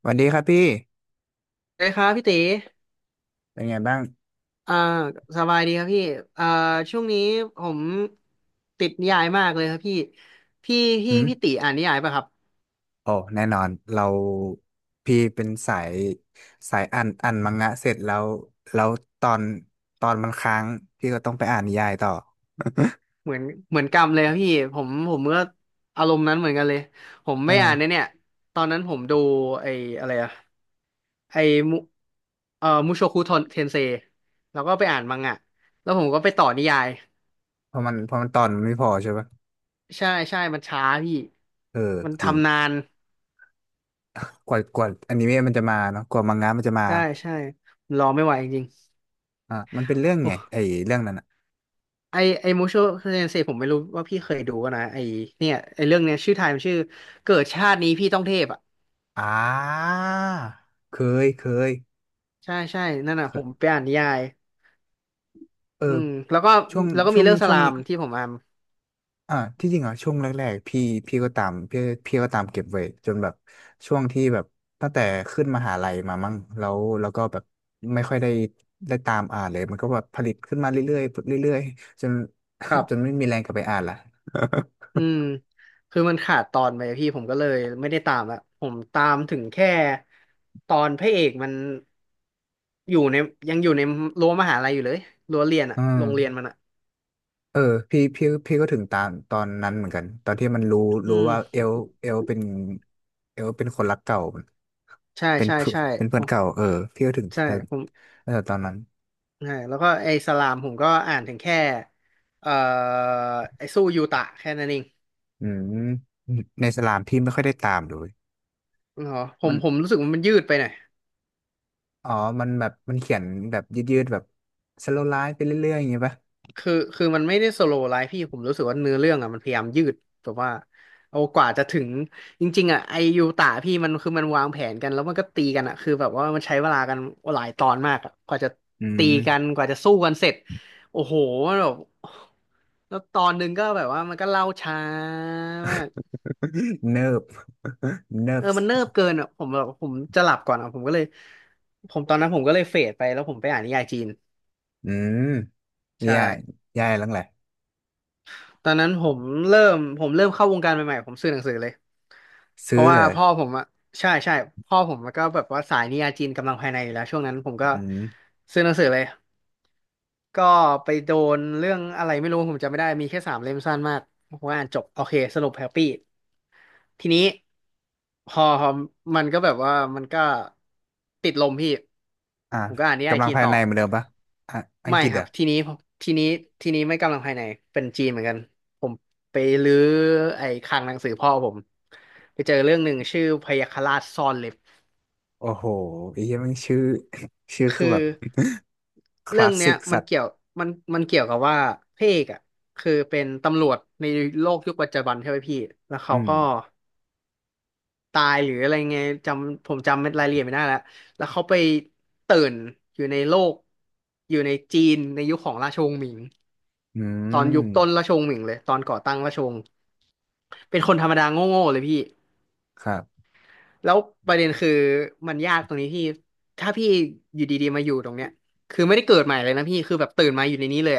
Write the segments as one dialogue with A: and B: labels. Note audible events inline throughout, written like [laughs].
A: สวัสดีครับพี่
B: เลยครับพี่ตี
A: เป็นไงบ้าง
B: อ่าสบายดีครับพี่อ่าช่วงนี้ผมติดนิยายมากเลยครับพี่พี่
A: หื
B: พี่
A: ม
B: พี่ตีอ่านนิยายป่ะครับ
A: โอ้แน่นอนเราพี่เป็นสายสายอ่านมังงะเสร็จแล้วแล้วตอนตอนมันค้างพี่ก็ต้องไปอ่านนิยายต่อ
B: เหมือนเหมือนกรรมเลยครับพี่ผมก็อารมณ์นั้นเหมือนกันเลยผม
A: เอ
B: ไม่อ่าน
A: อ
B: เนี่ยตอนนั้นผมดูไอ้อะไรอะไอ้มุมุโชคุเทนเซแล้วก็ไปอ่านมังงะแล้วผมก็ไปต่อนิยาย
A: เพราะมันเพราะมันตอนมันไม่พอใช่ปะ
B: ใช่ใช่มันช้าพี่
A: เออ
B: มัน
A: จริง
B: ทำนาน
A: กว่าอนิเมะมันจะมาเนาะกว่ามังงะมันจะมา
B: ใช่ใช่รอไม่ไหวจริง
A: อ่ะมันเป็นเรื่อง
B: ๆ
A: ไงไอ้เรื่องนั้นอ่ะ
B: ไอไอมูโชเซนเซผมไม่รู้ว่าพี่เคยดูปะนะไอเนี่ยไอเรื่องเนี้ยชื่อไทยมันชื่อเกิดชาตินี้พี่ต้องเทพอ่ะ
A: อ่าเคยเคย
B: ใช่ใช่นั่น
A: เค
B: น่ะผ
A: ย
B: มไปอ่านนิยาย
A: เออ
B: อืม
A: ช่วง
B: แล้วก็
A: ช่
B: มี
A: วง
B: เรื่องส
A: ช่วง
B: ลามที่ผมอ่าน
A: อ่าที่จริงอ่ะช่วงแรกๆพี่ก็ตามพี่ก็ตามเก็บไว้จนแบบช่วงที่แบบตั้งแต่ขึ้นมหาลัยมามั้งแล้วแล้วก็แบบไม่ค่อยได้ตามอ่านเลยมันก็แบบผลิตขึ้นมาเรื่อยๆเรื่อยๆจน
B: ครั
A: [laughs] จน
B: บ
A: ไม่มีแรงกลับไปอ่านละ
B: อืมคือมันขาดตอนไปพี่ผมก็เลยไม่ได้ตามละผมตามถึงแค่ตอนพระเอกมันอยู่ในยังอยู่ในรั้วมหาลัยอยู่เลยรั้วเรียน
A: [laughs]
B: อ่ะ
A: อืม
B: โรงเรียนมันอ่ะ
A: เออพี่ก็ถึงตามตอนนั้นเหมือนกันตอนที่มันรู้
B: อื
A: รู้
B: ม
A: ว่าเอลเอลเป็นเอลเป็นคนรักเก่า
B: ใช่
A: เป็น
B: ใช่
A: เพื่อน
B: ใช่
A: เป็นเพื่
B: ผ
A: อน
B: ม
A: เก่าเออพี่ก็ถึง
B: ใช่
A: ตอน
B: ผม
A: เออตอนนั้น
B: ใช่แล้วก็ไอ้สลามผมก็อ่านถึงแค่เอ่อไอ้สู้ยูตะแค่นั้นเอง
A: อืมในสลามพี่ไม่ค่อยได้ตามเลย
B: อ๋อ
A: มัน
B: ผมรู้สึกว่ามันยืดไปหน่อย
A: อ๋อมันแบบมันเขียนแบบยืดๆแบบสโลว์ไลฟ์ไปเรื่อยๆอย่างเงี้ยปะ
B: คือมันไม่ได้สโลว์ไลฟ์พี่ผมรู้สึกว่าเนื้อเรื่องอ่ะมันพยายามยืดแบบว่าเอากว่าจะถึงจริงๆอ่ะไอ้ยูตะพี่มันคือมันวางแผนกันแล้วมันก็ตีกันอ่ะคือแบบว่ามันใช้เวลากันหลายตอนมากอ่ะกว่าจะ
A: อื
B: ตี
A: ม
B: กัน
A: [laughs]
B: กว่าจะสู้กันเสร็จโอ้โหมันแบบแล้วตอนหนึ่งก็แบบว่ามันก็เล่าช้ามาก
A: เนิบเนิ
B: เอ
A: บ
B: อมันเนิบเกินอ่ะผมแบบผมจะหลับก่อนอ่ะผมก็เลยผมตอนนั้นผมก็เลยเฟดไปแล้วผมไปอ่านนิยายจีน
A: อืม
B: ใช่
A: แย่แย่แล้วแหละ
B: ตอนนั้นผมเริ่มเข้าวงการใหม่ๆผมซื้อหนังสือเลยเพ
A: ซื้อ
B: ราะว่า
A: เลย
B: พ่อผมอ่ะใช่ใช่พ่อผมก็แบบว่าสายนิยายจีนกำลังภายในอยู่แล้วช่วงนั้นผมก็
A: อืม
B: ซื้อหนังสือเลย ก็ไปโดนเรื่องอะไรไม่รู้ผมจำไม่ได้มีแค่สามเล่มสั้นมากผมอ่านจบโอเคสรุปแฮปปี้ทีนี้พอมันก็แบบว่ามันก็ติดลมพี่
A: อ่ะ
B: ผมก็อ่านนิยาย
A: กำลัง
B: จีน
A: ภาย
B: ต่อ
A: ในเหมือนเดิมปะอ่ะอัง
B: ไม่
A: กฤษ
B: ค
A: เหร
B: รับ
A: อ่ะ
B: ทีนี้ทีนี้ทีนี้ไม่กำลังภายในเป็นจีนเหมือนกันผมไปรื้อไอ้คลังหนังสือพ่อผมไปเจอเรื่องหนึ่งชื่อพยัคฆราชซ่อนเล็บ
A: โอ้โหไอ้เหี้ยแมันชื่อ [laughs] ชื่อ
B: คื
A: คือ
B: อ
A: แบบ [laughs] ค
B: เรื่
A: ลา
B: อง
A: ส
B: เนี้
A: สิ
B: ย
A: ก
B: มั
A: สั
B: น
A: ตว์
B: เกี่ยวมันมันเกี่ยวกับว่าพระเอกอ่ะคือเป็นตำรวจในโลกยุคปัจจุบันใช่ไหมพี่แล้ว
A: อื
B: เขา
A: ม
B: ก็ตายหรืออะไรไงผมจำเม็ดรายละเอียดไม่ได้แล้วแล้วเขาไปตื่นอยู่ในโลกอยู่ในจีนในยุคของราชวงศ์หมิง
A: อื
B: ตอนยุ
A: ม
B: คต้นราชวงศ์หมิงเลยตอนก่อตั้งราชวงศ์เป็นคนธรรมดาโง่ๆเลยพี่
A: ครับ
B: แล้วประเด็นคือมันยากตรงนี้พี่ถ้าพี่อยู่ดีๆมาอยู่ตรงเนี้ยคือไม่ได้เกิดใหม่เลยนะพี่คือแบบตื่นมาอยู่ในนี้เลย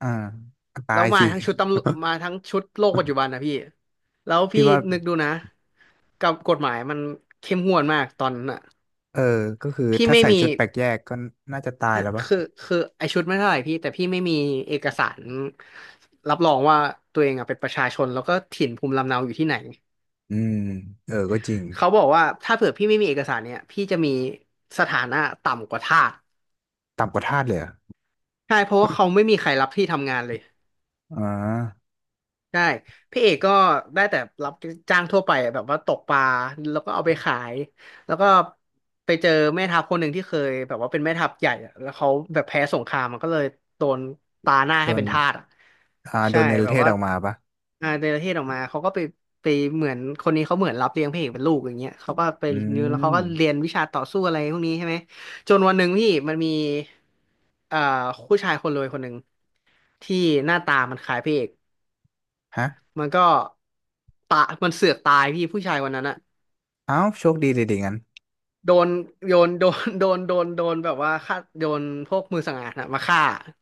A: อ่าตา
B: แล้ว
A: ย
B: มา
A: สิ
B: ทั้งชุดตำรวจมาทั้งชุดโลกปัจจุบันนะพี่แล้ว
A: พี่
B: พี่
A: ว่า
B: นึกดูนะกับกฎหมายมันเข้มงวดมากตอนนั้นอ่ะ
A: เออก็คือ
B: พี่
A: ถ้า
B: ไม่
A: ใส่
B: มี
A: ชุดแปลกแยกก็น่าจะตายแล้วปะ
B: คือคือไอชุดไม่เท่าไหร่พี่แต่พี่ไม่มีเอกสารรับรองว่าตัวเองอ่ะเป็นประชาชนแล้วก็ถิ่นภูมิลำเนาอยู่ที่ไหน
A: อืมเออก็จริง
B: เขาบอกว่าถ้าเผื่อพี่ไม่มีเอกสารเนี่ยพี่จะมีสถานะต่ำกว่าทาส
A: ต่ำกว่าทาสเลยเหรอ
B: ใช่เพราะว่าเขาไม่มีใครรับที่ทำงานเลย
A: อ๋อ
B: ใช่พี่เอกก็ได้แต่รับจ้างทั่วไปอะแบบว่าตกปลาแล้วก็เอาไปขายแล้วก็ไปเจอแม่ทัพคนหนึ่งที่เคยแบบว่าเป็นแม่ทัพใหญ่อะแล้วเขาแบบแพ้สงครามมันก็เลยโดนตาหน้า
A: โด
B: ให้
A: น
B: เป็นทาสอ่ะ
A: อ่าโด
B: ใช่
A: นเนร
B: แบ
A: เท
B: บ
A: ศ
B: ว่า
A: ออกมาปะ
B: อ่าเนรเทศออกมาเขาก็ไปเหมือนคนนี้เขาเหมือนรับเลี้ยงพี่เอกเป็นลูกอย่างเงี้ยเขาก็ไป
A: อื
B: นิวแล้วเขา
A: ม
B: ก็เรียนวิชาต่อสู้อะไรพวกนี้ใช่ไหมจนวันหนึ่งพี่มันมีอ่าผู้ชายคนรวยคนหนึ่งที่หน้าตามันคล้ายพี่เอก
A: ฮะ
B: มันก็ตามันเสือกตายพี่ผู้ชายวันนั้นอะ
A: เอ้าโชคดีเลยดิงั้น
B: โดนโดน [laughs] โดนแบบว่าฆ่าโดนพวกมือสังหารนะมาฆ่า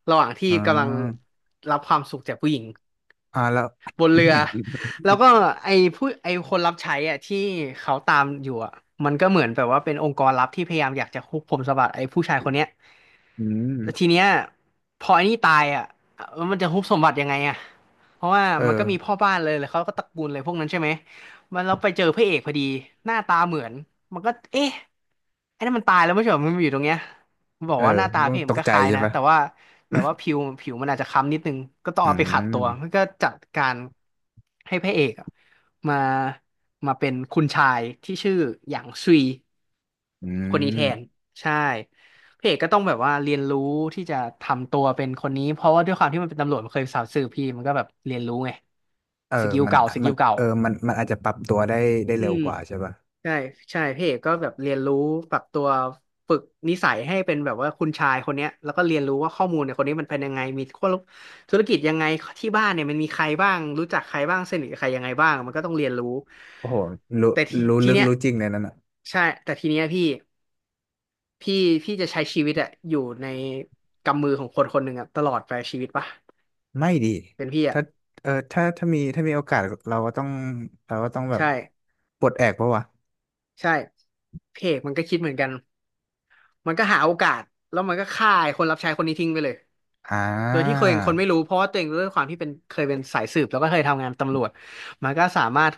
B: ระหว่างที่
A: อ๋
B: กำลัง
A: อ
B: รับความสุขจากผู้หญิง
A: อ่าแล้ว
B: บนเรือแล้วก็
A: [laughs]
B: ไอ้คนรับใช้อ่ะที่เขาตามอยู่อ่ะมันก็เหมือนแบบว่าเป็นองค์กรลับที่พยายามอยากจะคุกผมสมบัติไอ้ผู้ชายคนเนี้ย
A: อืม
B: แล้วทีเนี้ยพอไอ้นี่ตายอ่ะแล้วมันจะฮุบสมบัติยังไงอ่ะเพราะว่า
A: เออ
B: มันก็มีพ่อบ้านเลยเขาก็ตระกูลเลยพวกนั้นใช่ไหมมันเราไปเจอพระเอกพอดีหน้าตาเหมือนมันก็เอ๊ะไอ้นั่นมันตายแล้วไม่ใช่เหรอมันมาอยู่ตรงเนี้ยมันบอ
A: เอ
B: ก
A: อ
B: ว่าหน้าตา
A: ต
B: พระเอก
A: ต
B: มั
A: ก
B: นก็
A: ใจ
B: คล้าย
A: ใช่
B: นะ
A: ปะ
B: แต่ว่า แต่ว่าผิวมันอาจจะค้ำนิดนึงก็ต้อง
A: อื
B: เอาไปขัด
A: ม
B: ตัวมันก็จัดการให้พระเอกอะมามาเป็นคุณชายที่ชื่อหยางซุย
A: อื
B: คนนี้แทน
A: ม
B: ใช่พระเอกก็ต้องแบบว่าเรียนรู้ที่จะทำตัวเป็นคนนี้เพราะว่าด้วยความที่มันเป็นตำรวจมันเคยสาวสืบพี่มันก็แบบเรียนรู้ไง
A: เออ
B: สกิล
A: มัน
B: เก่าส
A: มั
B: กิ
A: น
B: ลเก่า
A: เออมันมันอาจจะปรับตัวได้
B: อื
A: เร็ว
B: ม
A: กว่าใช่ปะ
B: ใช่ใช่พี่เอกก็แบบเรียนรู้ปรับตัวฝึกนิสัยให้เป็นแบบว่าคุณชายคนเนี้ยแล้วก็เรียนรู้ว่าข้อมูลเนี่ยคนนี้มันเป็นยังไงมีคนธุรกิจยังไงที่บ้านเนี่ยมันมีใครบ้างรู้จักใครบ้างสนิทกับใครยังไงบ้างมันก็ต้องเรียนรู้
A: โอ้โหรู้
B: แต่ที
A: รู้
B: ที
A: ลึก
B: เนี้ย
A: รู้จริงเลยนั่นน่ะ
B: ใช่แต่ทีเนี้ยพี่พี่จะใช้ชีวิตอะอยู่ในกำมือของคนคนหนึ่งอะตลอดไปชีวิตปะ
A: ไม่ดี
B: เป็นพี่อะ
A: ถ้าเออถ้ามีโอกาส เราก็ต้อง เราก็ต้องแบบ
B: ใช่
A: ปลดแอกปะวะ
B: ใช่พี่เอกมันก็คิดเหมือนกัน มันก็หาโอกาสแล้วมันก็ฆ่าไอ้คนรับใช้คนนี้ทิ้งไปเลย
A: อ่า
B: โดยที่เคยเห็นคนไม่รู้เพราะว่าตัวเองด้วยความที่เป็นเคยเป็นสายสืบแล้วก็เคยทำงานตำรวจมันก็สามารถ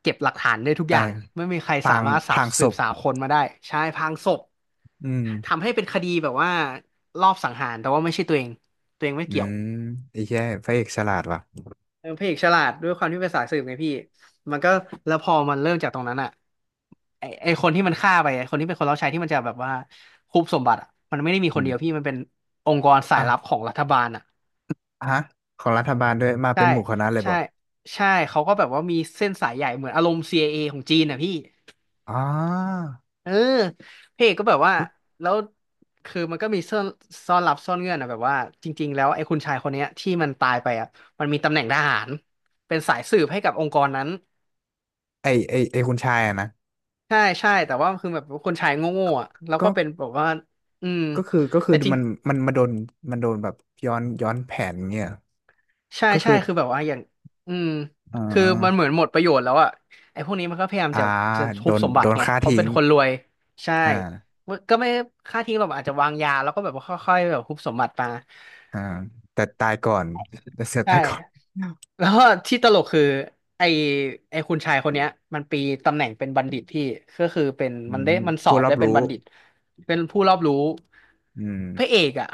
B: เก็บหลักฐานได้ทุกอ
A: อ่า
B: ย่างไม่มีใคร
A: พ
B: สา
A: ลาง
B: มารถ
A: พ
B: สา
A: ลา
B: บ
A: งศ
B: สืบ
A: พ
B: สาวคนมาได้ใช่พรางศพ
A: อืม
B: ทำให้เป็นคดีแบบว่ารอบสังหารแต่ว่าไม่ใช่ตัวเองตัวเองไม่
A: อื
B: เกี่ยว
A: มไอ้แย่พระเอกฉลาดว่ะ
B: เออพระเอกฉลาดด้วยความที่เป็นสายสืบไงพี่มันก็แล้วพอมันเริ่มจากตรงนั้นอ่ะไอคนที่มันฆ่าไปไอคนที่เป็นคนรับใช้ที่มันจะแบบว่าคุบสมบัติอ่ะมันไม่ได้มี
A: อื
B: คน
A: ม
B: เดียวพี่มันเป็นองค์กรสาย
A: อ้าว
B: ลับของรัฐบาลอ่ะ
A: ฮะของรัฐบาลด้วย มา
B: ใช่
A: เป็นหมู่คณะเลยบ
B: ใช่
A: อก
B: ใช่เขาก็แบบว่ามีเส้นสายใหญ่เหมือนอารมณ์ CIA ของจีนอ่ะพี่
A: อ๋อ
B: เออพระเอกก็แบบว่าแล้วคือมันก็มีซ่อนซ่อนลับซ่อนเงื่อนอะแบบว่าจริงๆแล้วไอ้คุณชายคนเนี้ยที่มันตายไปอ่ะมันมีตำแหน่งทหารเป็นสายสืบให้กับองค์กรนั้น
A: ไอคุณชายอะนะ
B: ใช่แต่ว่าคือแบบคนชายโง่ๆอ่ะแล้วก็
A: ก็
B: เป็นแบบว่าอืม
A: ก็คือ
B: แต่จริง
A: มัน มันมาโดน มันโดนแบบ ย้อน ย้อนแผนเงี้ย
B: ใช่
A: ก็
B: ใช่
A: คือ
B: คือแบบว่าอย่างอืม
A: อ่
B: คือมันเหมื
A: า
B: อนหมดประโยชน์แล้วอ่ะไอ้พวกนี้มันก็พยายาม
A: อ่า
B: จะ
A: โด
B: ทุบ
A: น
B: สมบั
A: โด
B: ติ
A: น
B: ไง
A: ฆ่า
B: เพราะ
A: ทิ้
B: เป็
A: ง
B: นคนรวยใช่
A: อ่า
B: ก็ไม่ค่าทิ้งหรอกอาจจะวางยาแล้วก็แบบว่าค่อยๆแบบทุบสมบัติมา
A: อ่าแต่ตายก่อนแต่เสือ
B: ใช่
A: ตายก่อน
B: แล้วก็ที่ตลกคือไอไอคุณชายคนเนี้ยมันปีตำแหน่งเป็นบัณฑิตพี่ก็คือเป็น
A: อื
B: มันได้
A: ม
B: มันสอ
A: ผู้
B: บ
A: รับ
B: ได้เป็น
A: รู้
B: บัณฑิตเป็นผู้รอบรู้
A: อืม
B: พระเอกอ่ะ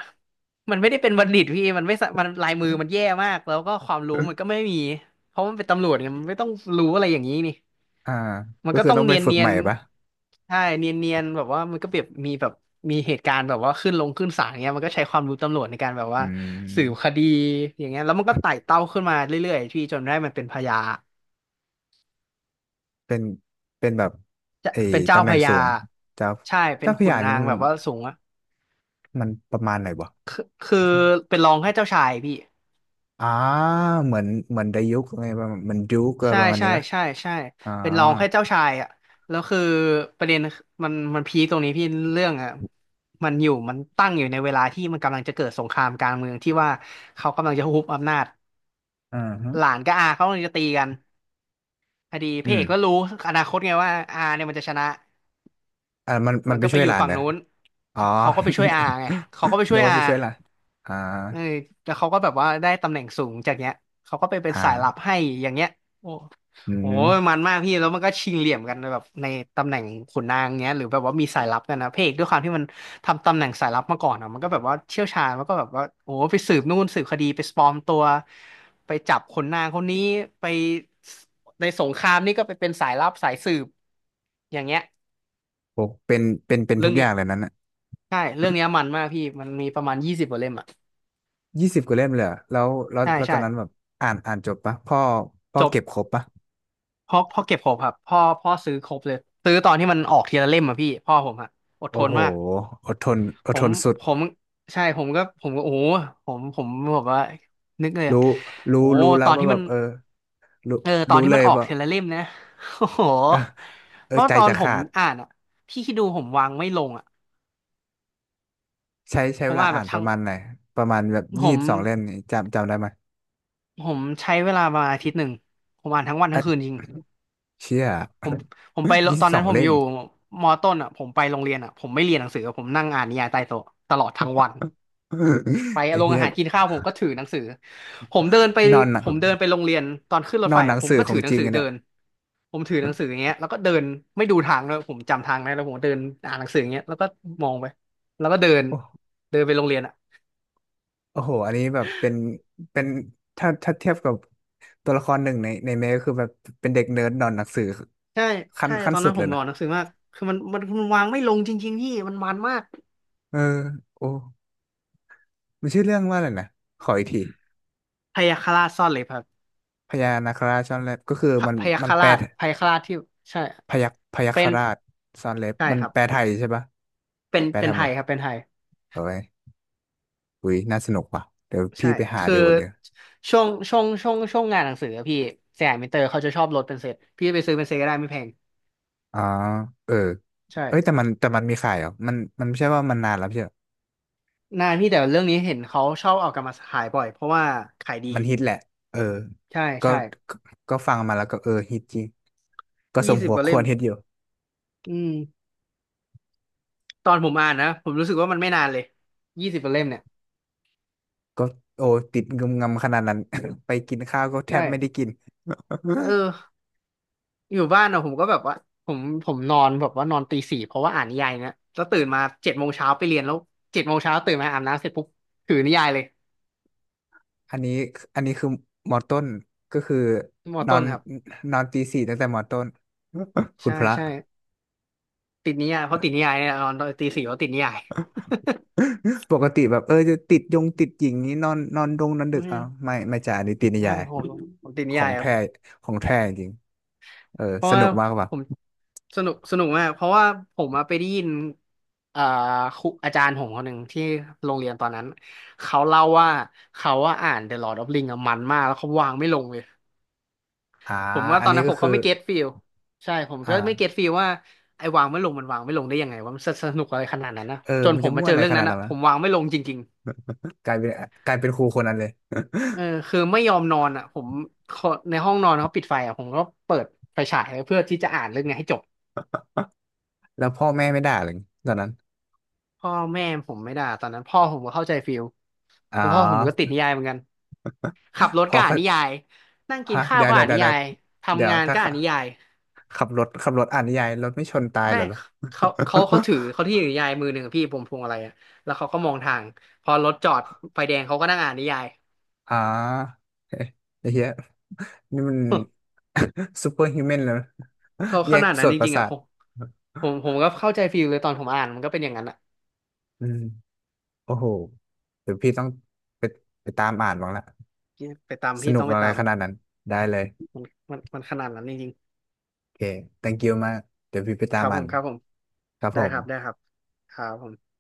B: มันไม่ได้เป็นบัณฑิตพี่มันไม่สะมันลายมือมันแย่มากแล้วก็ความรู้มันก็ไม่มีเพราะมันเป็นตำรวจไงมันไม่ต้องรู้อะไรอย่างนี้นี่
A: อ่า
B: มัน
A: ก็
B: ก็
A: คือ
B: ต้อง
A: ต้องไป
B: เนียน
A: ฝึก
B: เนีย
A: ใหม่
B: น
A: ปะ
B: ใช่เนียนแบบว่ามันก็แบบมีแบบมีเหตุการณ์แบบว่าขึ้นลงขึ้นศาลเงี้ยมันก็ใช้ความรู้ตำรวจในการแบบ
A: อื
B: ว่าสืบค
A: ม
B: ดีอย่างเงี้ยแล้วมันก็ไต่เต้าขึ้นมาเรื่อยๆพี่จนได้มันเป็นพญา
A: เป็นเป็นแบบ
B: จะ
A: ไอ้
B: เป็นเจ้า
A: ตำแห
B: พ
A: น่ง
B: ญา
A: สูงเจ้า
B: ใช่เป็น
A: เจ้าพระ
B: ขุน
A: ยา
B: นา
A: เนี่ย
B: ง
A: มัน
B: แบบว่าสูงอะ
A: มันประมาณไหนวะ
B: คือเป็นรองแค่เจ้าชายพี่
A: อ่าเหมือนเหมือนไดยุกอะไรประมาณเหมือนยุกอะไร
B: ใช่
A: ประมาณ
B: ใช่
A: นี้ปะ
B: ใช่ใช่
A: อ่า
B: เป็นรองแค่เจ้าชายอ่ะแล้วคือประเด็นมันพีคตรงนี้พี่เรื่องอ่ะมันอยู่มันตั้งอยู่ในเวลาที่มันกำลังจะเกิดสงครามกลางเมืองที่ว่าเขากำลังจะฮุบอำนาจ
A: อ่าฮะ
B: หลานกับอาเขากำลังจะตีกันพอดีพ
A: อื
B: ระเอ
A: ม
B: กก็รู้อนาคตไงว่าอาเนี่ยมันจะชนะ
A: อ่ามันมั
B: มั
A: น
B: น
A: ไป
B: ก็ไป
A: ช่วย
B: อ
A: ห
B: ยู่
A: ลาน
B: ฝั่
A: เห
B: ง
A: รอ
B: นู้น
A: อ๋อ
B: เขาก็ไปช่วยอาไงเขาก็ไป
A: [laughs] นึ
B: ช่ว
A: ก
B: ย
A: ว่า
B: อา
A: ไปช่วยหลานอ่า
B: เออแล้วเขาก็แบบว่าได้ตำแหน่งสูงจากเนี้ยเขาก็ไปเป็นสายลับ
A: อ่า
B: ให้ อย่างเงี้ยโอ้
A: อื
B: โห
A: ม
B: มันมากพี่แล้วมันก็ชิงเหลี่ยมกันแบบในตำแหน่งขุนนางเงี้ยหรือแบบว่ามีสายลับกันนะพระเอกด้วยความที่มันทำตำแหน่งสายลับมาก่อนอ่ะมันก็แบบว่าเชี่ยวชาญมันก็แบบว่าโอ้โหไปสืบนู่นสืบคดีไปปลอมตัวไปจับขนนางคนนี้ไปในสงครามนี่ก็ไปเป็นสายลับสายสืบอย่างเงี้ย
A: โอ้เป็นเป็น
B: เรื่
A: ทุ
B: อง
A: กอ
B: เนี้
A: ย่า
B: ย
A: งเลยนั้นอ่ะ
B: ใช่เรื่องเนี้ยมันมากพี่มันมีประมาณยี่สิบกว่าเล่มอ่ะ
A: ยี่สิบกว่าเล่มเลยเหรอแล้วแล้ว
B: ใช่
A: แล้วตอ
B: ใช่
A: นนั้นแบบอ่านอ่านจบปะพ่อพ่อ
B: จบ
A: เก็บครบปะ
B: พ่อเก็บครบครับพ่อซื้อครบเลยซื้อตอนที่มันออกทีละเล่มอ่ะพี่พ่อผมอ่ะอด
A: โอ้
B: ทน
A: โห
B: มาก
A: อดทนอด
B: ผ
A: ท
B: ม
A: นสุด
B: ผมใช่ผมก็โอ้โหผมแบบว่านึกเลยอะ
A: รู้รู้
B: โอ้โห
A: รู้แล้
B: ต
A: ว
B: อน
A: ว่า
B: ที่
A: แบ
B: มัน
A: บเออรู้
B: เออตอน
A: รู้
B: ที่
A: เล
B: มั
A: ย
B: นออก
A: ว่า
B: ทีละเล่มนะ [laughs] โอ้โห
A: เอ
B: เพ
A: อ
B: ราะ
A: ใจ
B: ตอน
A: จะ
B: ผม
A: ขาด
B: อ่านอ่ะพี่คิดดูผมวางไม่ลงอ่ะ
A: ใช้ใช้
B: ผ
A: เว
B: ม
A: ลา
B: อ่านแบ
A: อ่า
B: บ
A: นป
B: ทั้
A: ระ
B: ง
A: มาณไหนประมาณแบบ
B: ผ
A: ยี่สิ
B: ม
A: บสองเล่มนี่จำจำได้ไหม
B: ผมใช้เวลาประมาณอาทิตย์หนึ่งผมอ่านทั้งวันทั้งคืน
A: อ่ะ
B: จริง
A: เชี่ย
B: ผมผมไป
A: ยี่
B: ต
A: สิ
B: อ
A: บ
B: น
A: สอ
B: นั้น
A: ง
B: ผม
A: เล่
B: อ
A: ม
B: ยู่มอต้นอ่ะผมไปโรงเรียนอ่ะผมไม่เรียนหนังสือผมนั่งอ่านนิยายใต้โต๊ะตลอดทั้งวันไป
A: [laughs] ไอ้
B: โรง
A: เหี้
B: อา
A: ย
B: หารกินข้าวผมก็ถือหนังสือผมเดินไป
A: นอนหนั
B: ผ
A: ง
B: มเดินไปโรงเรียนตอนขึ้นรถ
A: นอ
B: ไฟ
A: นหนั
B: อะ
A: ง
B: ผม
A: สือ
B: ก็
A: ขอ
B: ถื
A: ง
B: อหนั
A: จ
B: ง
A: ริง
B: สือ
A: อะ
B: เดิ
A: เนี่ย
B: นผมถือหนังสืออย่างเงี้ยแล้วก็เดินไม่ดูทางเลยผมจำทางได้แล้วผมก็เดินอ่านหนังสืออย่างเงี้ยแล้วก็มองไปแล้วก็เดินเดินไปโรงเรียนอ่ะ
A: โอ้โหอันนี้แบบเป็นเป็นถ้าถ้าเทียบกับตัวละครหนึ่งในในเมก็คือแบบเป็นเด็กเนิร์ดหนอนหนังสือ
B: ใช่
A: ขั้น
B: ใช่
A: ขั้น
B: ตอน
A: สุ
B: นั้
A: ด
B: นผ
A: เล
B: ม
A: ยนะ
B: อ่านหนังสือมากคือมันวางไม่ลงจริงๆพี่มันมาก
A: เออโอ้มันชื่อเรื่องว่าอะไรนะขออีกที
B: พยาคฆราชซ่อนเล็บครับ
A: พญานาคราชซ่อนเล็บก็คือ
B: พะ
A: มัน
B: พยาค
A: มั
B: ฆ
A: นแปล
B: ราชพยาคฆราชที่ใช่
A: พยัคฆ์พยัค
B: เป็
A: ฆ
B: น
A: ราชซ่อนเล็บ
B: ใช่
A: มัน
B: ครับ
A: แปลไทยใช่ปะ
B: เป็น
A: แปล
B: เป็
A: ไท
B: น
A: ย
B: ไท
A: หม
B: ย
A: ด
B: ครับเป็นไทย
A: เอาไว้ยอุ้ยน่าสนุกว่ะเดี๋ยว
B: ใช่
A: พี่ไปหา
B: คือ
A: ดูเลย
B: ช่วงงานหนังสืออะพี่สยามมินเตอร์เขาจะชอบลดเป็นเซตพี่ไปซื้อเป็นเซตก็ได้ไม่แพง
A: อ๋อเออ
B: ใช่
A: เอ้ยแต่มันมีขายเหรอมันมันไม่ใช่ว่ามันนานแล้วไม่ใช่
B: นานพี่แต่เรื่องนี้เห็นเขาชอบเอากลับมาขายบ่อยเพราะว่าขายดี
A: มันฮิตแหละ เออ
B: ใช่
A: ก็
B: ใช่
A: ก็ก็ฟังมาแล้วก็เออฮิตจริง ก็ส
B: ยี่
A: ม
B: สิบ
A: หัว
B: กว่า
A: ค
B: เล่
A: ว
B: ม
A: รฮิตอยู่
B: อืมตอนผมอ่านนะผมรู้สึกว่ามันไม่นานเลย20 กว่าเล่มเนี่ย
A: ก็โอ้ติดงุมงำขนาดนั้น [laughs] ไปกินข้าวก็แทบ
B: ใช่
A: ไม่ได้กิน
B: เออ อยู่บ้านอะผมก็แบบว่าผมผมนอนแบบว่านอนตีสี่เพราะว่าอ่านนิยายนะแล้วตื่นมาเจ็ดโมงเช้าไปเรียนแล้วเจ็ดโมงเช้าตื่นมาอาบน้ำเสร็จปุ๊บถือนิยายเลย
A: อันนี้อันนี้คือมอต้นก็คือ
B: มอ
A: นอ
B: ต้น
A: น
B: ครับ
A: นอนตีสี่ตั้งแต่มอต้น [laughs] คุณ
B: ใช่
A: พระ
B: ใช่ติดนิยายเพราะติดนิยายเนี่ยนอนตอนตีสี่เพราะติดนิยาย
A: [laughs] ปกติแบบเออจะติดยงติดหญิงนี้นอนนอนดงนอนดึ
B: อื
A: ก
B: ม
A: อ่ะไม่ไม่จ่าอันนี้ตีนิ
B: [laughs] ว่
A: ยาย
B: ผมผมติด
A: ข
B: นิ
A: อ
B: ยา
A: ง
B: ยครับ
A: แท้ของแท้จริง เออ
B: เพราะ
A: ส
B: ว่า
A: นุกมากป่ะ
B: ผมสนุกสนุกมากเพราะว่าผมอะไปได้ยินอ่าครูอาจารย์ผมคนหนึ่งที่โรงเรียนตอนนั้นเขาเล่าว่าเขาว่าอ่าน The Lord of Ring อะมันมากแล้วเขาวางไม่ลงเลย
A: อ่า
B: ผมว่า
A: อั
B: ต
A: น
B: อน
A: นี้
B: นั้น
A: ก็
B: ผม
A: คื
B: ก็
A: อ
B: ไม่เก็ตฟิลใช่ผม
A: อ่า
B: ก็ไม่เก็ตฟิลว่าไอ้วางไม่ลงมันวางไม่ลงได้ยังไงว่ามันสนุกอะไรขนาดนั้นนะ
A: เออ
B: จน
A: มัน
B: ผ
A: จะ
B: มมา
A: ม่วน
B: เจอ
A: อะไร
B: เรื่อ
A: ข
B: ง
A: นา
B: นั้
A: ด
B: นอ่ะ
A: นั้น
B: ผ
A: วะ
B: มวางไม่ลงจริง
A: กลายเป็นกลายเป็นครูคนนั้นเลย
B: ๆเออคือไม่ยอมนอนอ่ะผมขอในห้องนอนเขาปิดไฟอ่ะผมก็เปิดไฟฉายไว้เพื่อที่จะอ่านเรื่องเนี้ยให้จบ
A: แล้วพ่อแม่ไม่ด่าเลยตอนนั้น
B: พ่อแม่ผมไม่ด่าตอนนั้นพ่อผมก็เข้าใจฟิล
A: อ๋
B: เพราะพ่อผมก็ติด
A: อ
B: นิยายเหมือนกันขับรถ
A: พอ
B: ก็อ่าน
A: เขา
B: นิยายนั่งกิน
A: ฮะ
B: ข้าว
A: เดี๋ยว
B: ก็
A: เดี๋ย
B: อ่า
A: ว
B: น
A: เดี๋
B: นิ
A: ยวเดี๋ย
B: ยา
A: ว
B: ย
A: เดี๋ย
B: ทำ
A: ว
B: งาน
A: ถ้า
B: ก็อ่า
A: ขั
B: น
A: บ
B: นิยาย
A: ขับรถอ่านนิยายรถไม่ชนตาย
B: ใช่
A: เหรอลูก
B: เขาถือเขา
A: [laughs]
B: ที่ถือนิยายมือหนึ่งอะพี่ผมพวงอะไรอะแล้วเขาก็มองทางพอรถจอดไฟแดงเขาก็นั่งอ่านนิยาย
A: อ๋อเฮ้ยไอ้เหี้ยนี่มัน [laughs] ซูเปอร์ฮิวแมนแล้ว
B: [laughs] เขา
A: แย
B: ข
A: ก
B: นาดนั้
A: ส่
B: น
A: วน
B: จ
A: ประ
B: ริงๆ
A: สา
B: อะผ
A: ท
B: มผมก็เข้าใจฟีลเลยตอนผมอ่านมันก็เป็นอย่างนั้นอะ
A: อืมโอ้โหเดี๋ยวพี่ต้องไปไปตามอ่านบ้างละ
B: ไปตาม
A: ส
B: พี่
A: นุ
B: ต้
A: ก
B: องไป
A: อะไร
B: ตาม
A: ขนาดนั้นได้เลย
B: มันมันขนาดนั้นจริง
A: โอเค thank you มากเดี๋ยวพี่ไป
B: ๆ
A: ตา
B: ค
A: ม
B: รับผ
A: อ่า
B: ม
A: น
B: ครับผม
A: ครับผ
B: ได้
A: ม
B: ครับได้ครับครับผม